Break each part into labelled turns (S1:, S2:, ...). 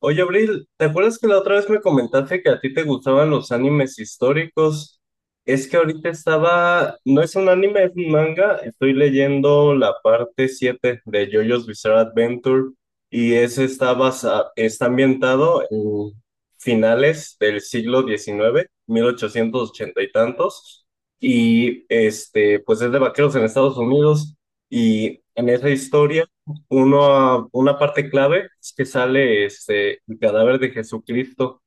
S1: Oye, Abril, ¿te acuerdas que la otra vez me comentaste que a ti te gustaban los animes históricos? Es que ahorita no es un anime, es un manga, estoy leyendo la parte 7 de JoJo's Bizarre Adventure y ese está ambientado en finales del siglo XIX, 1880 y tantos, y pues es de vaqueros en Estados Unidos y en esa historia una parte clave es que sale el cadáver de Jesucristo,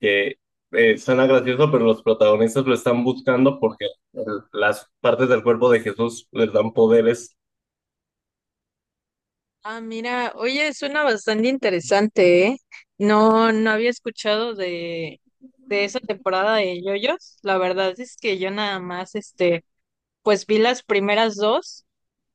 S1: que suena gracioso, pero los protagonistas lo están buscando porque las partes del cuerpo de Jesús les dan poderes.
S2: Ah, mira, oye, suena bastante interesante, ¿eh? No había escuchado de esa temporada de JoJo's. La verdad es que yo nada más, pues vi las primeras dos,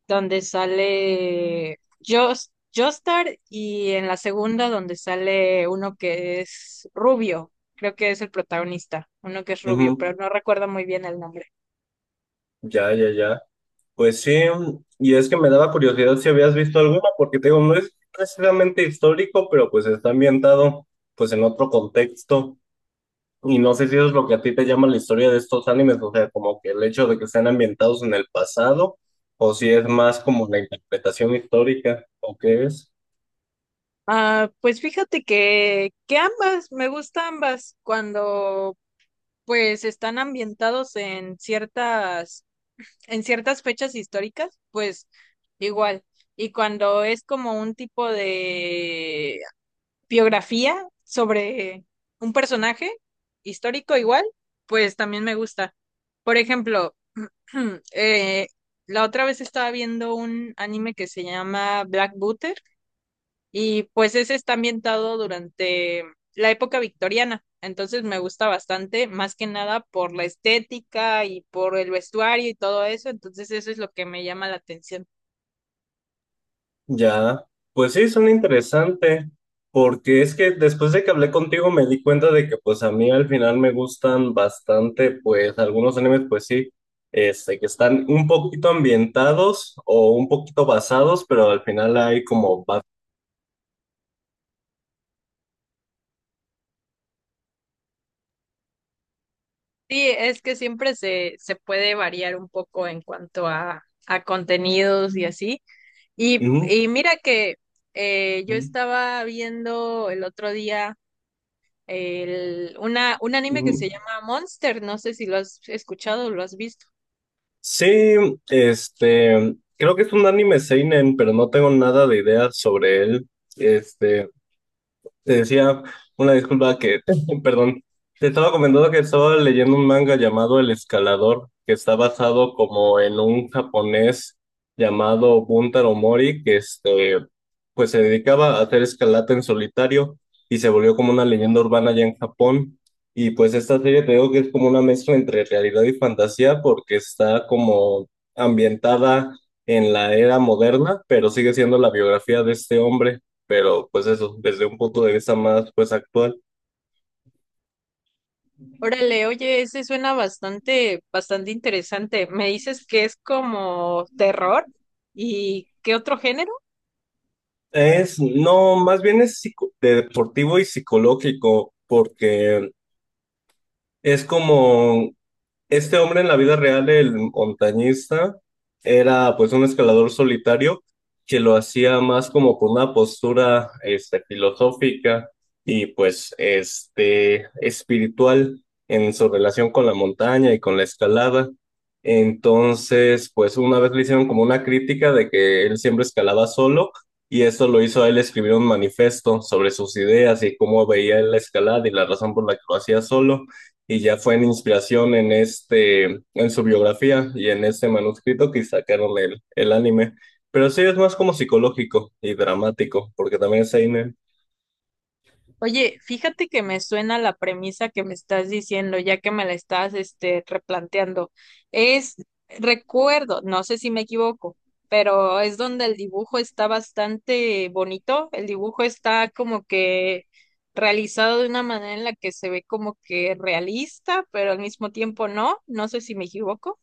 S2: donde sale Joestar, y en la segunda donde sale uno que es rubio. Creo que es el protagonista, uno que es rubio,
S1: Ujú.
S2: pero no recuerdo muy bien el nombre.
S1: Ya, ya, ya. Pues sí, y es que me daba curiosidad si habías visto alguna, porque te digo, no es precisamente histórico, pero pues está ambientado pues en otro contexto. Y no sé si eso es lo que a ti te llama la historia de estos animes, o sea, como que el hecho de que estén ambientados en el pasado, o si es más como la interpretación histórica, o qué es.
S2: Ah, pues fíjate que ambas, me gustan ambas. Cuando pues están ambientados en en ciertas fechas históricas, pues igual. Y cuando es como un tipo de biografía sobre un personaje histórico igual, pues también me gusta. Por ejemplo, eh, la otra vez estaba viendo un anime que se llama Black Butter y pues ese está ambientado durante la época victoriana, entonces me gusta bastante, más que nada por la estética y por el vestuario y todo eso, entonces eso es lo que me llama la atención.
S1: Ya, pues sí, son interesante, porque es que después de que hablé contigo me di cuenta de que pues a mí al final me gustan bastante, pues algunos animes, pues sí, que están un poquito ambientados o un poquito basados, pero al final hay como.
S2: Sí, es que siempre se puede variar un poco en cuanto a contenidos y así. Y,
S1: Ujú,
S2: y mira que yo
S1: ujú,
S2: estaba viendo el otro día un anime que
S1: ujú.
S2: se llama Monster, no sé si lo has escuchado o lo has visto.
S1: Sí, creo que es un anime seinen, pero no tengo nada de idea sobre él. Este, Te decía una disculpa que, perdón, te estaba comentando que estaba leyendo un manga llamado El Escalador, que está basado como en un japonés llamado Buntaro Mori, pues se dedicaba a hacer escalada en solitario y se volvió como una leyenda urbana allá en Japón. Y pues esta serie te digo que es como una mezcla entre realidad y fantasía porque está como ambientada en la era moderna, pero sigue siendo la biografía de este hombre, pero pues eso, desde un punto de vista más pues actual.
S2: Órale, oye, ese suena bastante interesante. Me dices que es como terror y ¿qué otro género?
S1: Es, no, más bien es de deportivo y psicológico, porque es como este hombre en la vida real, el montañista, era pues un escalador solitario que lo hacía más como con una postura filosófica y pues espiritual en su relación con la montaña y con la escalada. Entonces, pues una vez le hicieron como una crítica de que él siempre escalaba solo y eso lo hizo a él escribir un manifiesto sobre sus ideas y cómo veía él la escalada y la razón por la que lo hacía solo y ya fue en inspiración en en su biografía y en este manuscrito que sacaron el anime. Pero sí es más como psicológico y dramático, porque también es Seinen.
S2: Oye, fíjate que me suena la premisa que me estás diciendo, ya que me la estás, replanteando. Es, recuerdo, no sé si me equivoco, pero es donde el dibujo está bastante bonito. El dibujo está como que realizado de una manera en la que se ve como que realista, pero al mismo tiempo no. No sé si me equivoco.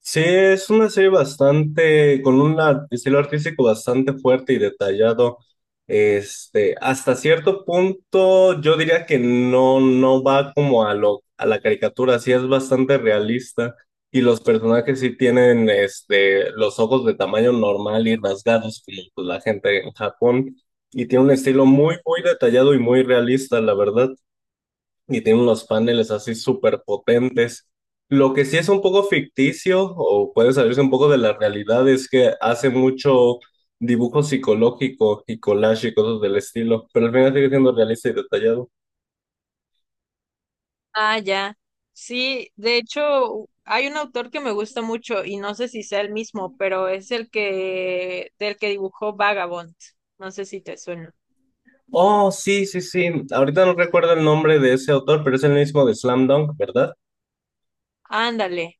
S1: Sí, es una serie bastante, con un estilo artístico bastante fuerte y detallado. Hasta cierto punto, yo diría que no, no va como a la caricatura, sí es bastante realista. Y los personajes sí tienen los ojos de tamaño normal y rasgados, como pues, la gente en Japón. Y tiene un estilo muy, muy detallado y muy realista, la verdad, y tiene unos paneles así súper potentes. Lo que sí es un poco ficticio o puede salirse un poco de la realidad es que hace mucho dibujo psicológico y collage y cosas del estilo, pero al final sigue siendo realista y detallado.
S2: Ah, ya. Sí, de hecho, hay un autor que me gusta mucho y no sé si sea el mismo, pero es el que del que dibujó Vagabond. No sé si te suena.
S1: Oh, sí, sí, sí. Ahorita no recuerdo el nombre de ese autor, pero es el mismo de Slam Dunk, ¿verdad?
S2: Ándale,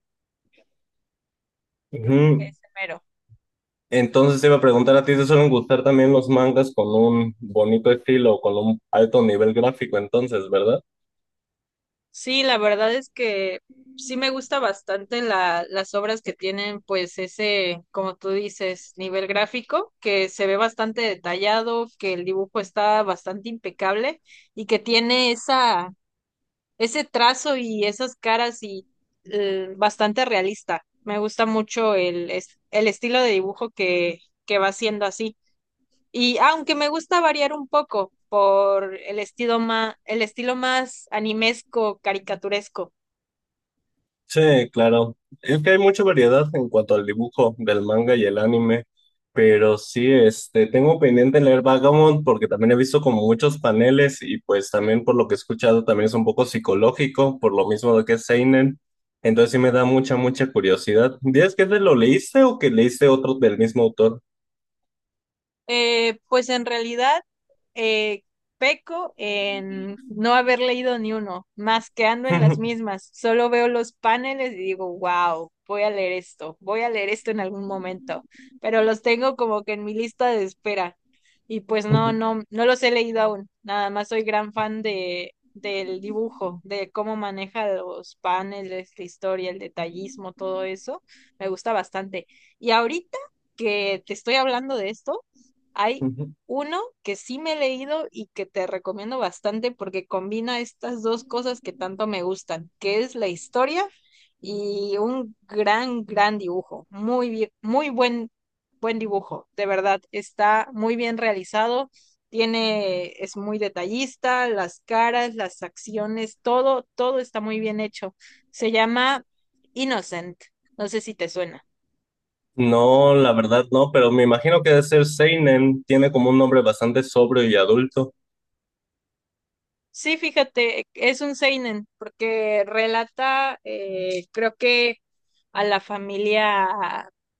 S1: Ujú.
S2: ese mero.
S1: Entonces te iba a preguntar a ti, ¿te suelen gustar también los mangas con un bonito estilo, o con un alto nivel gráfico, entonces, ¿verdad?
S2: Sí, la verdad es que sí me gusta bastante las obras que tienen, pues, ese, como tú dices, nivel gráfico, que se ve bastante detallado, que el dibujo está bastante impecable y que tiene esa ese trazo y esas caras y bastante realista. Me gusta mucho el estilo de dibujo que va haciendo así. Y aunque me gusta variar un poco por el estilo más animesco, caricaturesco.
S1: Sí, claro. Es que hay mucha variedad en cuanto al dibujo del manga y el anime, pero sí, tengo pendiente leer Vagabond porque también he visto como muchos paneles y pues también por lo que he escuchado también es un poco psicológico, por lo mismo de que es seinen. Entonces sí me da mucha, mucha curiosidad. ¿Dices que te lo leíste o que leíste otro del mismo autor?
S2: Pues en realidad eh, peco en no haber leído ni uno, más que ando en las mismas. Solo veo los paneles y digo, wow, voy a leer esto, voy a leer esto en algún momento, pero los tengo como que en mi lista de espera. Y pues no los he leído aún. Nada más soy gran fan del dibujo, de cómo maneja los paneles, la historia, el detallismo, todo eso. Me gusta bastante. Y ahorita que te estoy hablando de esto, hay uno que sí me he leído y que te recomiendo bastante porque combina estas dos cosas que tanto me gustan, que es la historia y un gran dibujo. Muy bien, buen dibujo, de verdad. Está muy bien realizado, tiene, es muy detallista, las caras, las acciones, todo, todo está muy bien hecho. Se llama Innocent. No sé si te suena.
S1: No, la verdad no, pero me imagino que debe ser seinen, tiene como un nombre bastante sobrio y adulto,
S2: Sí, fíjate, es un seinen, porque relata, creo que a la familia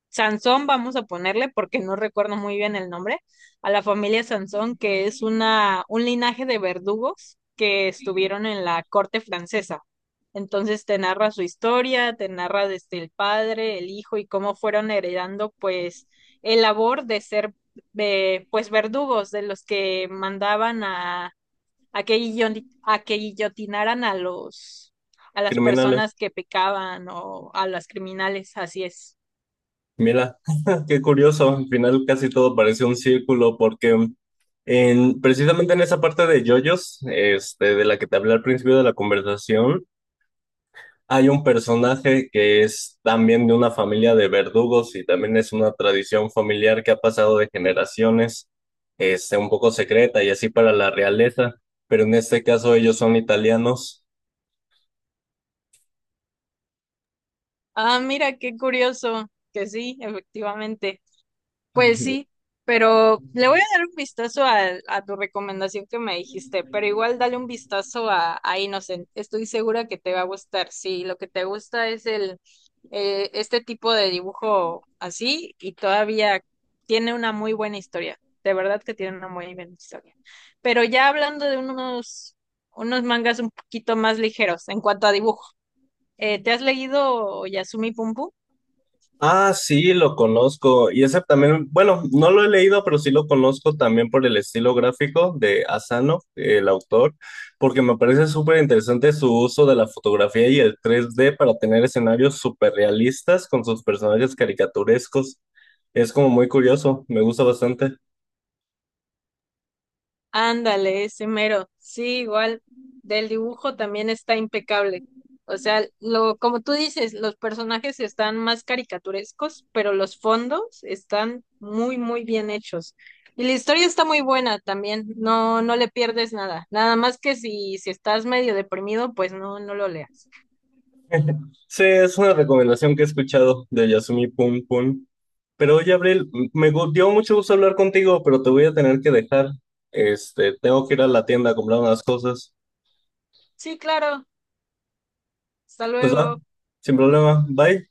S2: Sansón, vamos a ponerle, porque no recuerdo muy bien el nombre, a la familia Sansón, que es un linaje de verdugos que estuvieron en la corte francesa. Entonces te narra su historia, te narra desde el padre, el hijo y cómo fueron heredando pues el labor de ser pues verdugos de los que mandaban a que, a que guillotinaran a a las
S1: criminales.
S2: personas que pecaban o a las criminales, así es.
S1: Mira, qué curioso, al final casi todo parece un círculo porque precisamente en esa parte de JoJo's, de la que te hablé al principio de la conversación, hay un personaje que es también de una familia de verdugos y también es una tradición familiar que ha pasado de generaciones, un poco secreta y así para la realeza, pero en este caso ellos son italianos.
S2: Ah, mira, qué curioso, que sí, efectivamente. Pues sí, pero le voy a dar un vistazo a tu recomendación que me dijiste, pero igual dale un vistazo a Innocent. Estoy segura que te va a gustar. Si lo que te gusta es el este tipo de dibujo así y todavía tiene una muy buena historia. De verdad que tiene una muy buena historia. Pero ya hablando de unos mangas un poquito más ligeros en cuanto a dibujo, ¿te has leído Yasumi Pum Pum?
S1: Ah, sí, lo conozco. Y ese también, bueno, no lo he leído, pero sí lo conozco también por el estilo gráfico de Asano, el autor, porque me parece súper interesante su uso de la fotografía y el 3D para tener escenarios súper realistas con sus personajes caricaturescos. Es como muy curioso, me gusta bastante.
S2: Ándale, ese mero. Sí, igual, del dibujo también está impecable. O sea, lo, como tú dices, los personajes están más caricaturescos, pero los fondos están muy, muy bien hechos. Y la historia está muy buena también, no, no le pierdes nada. Nada más que si estás medio deprimido, pues no, no lo leas.
S1: Sí, es una recomendación que he escuchado de Yasumi Pum Pum. Pero oye, Abril, dio mucho gusto hablar contigo, pero te voy a tener que dejar. Tengo que ir a la tienda a comprar unas cosas.
S2: Sí, claro. Hasta
S1: Pues va,
S2: luego.
S1: sin problema. Bye.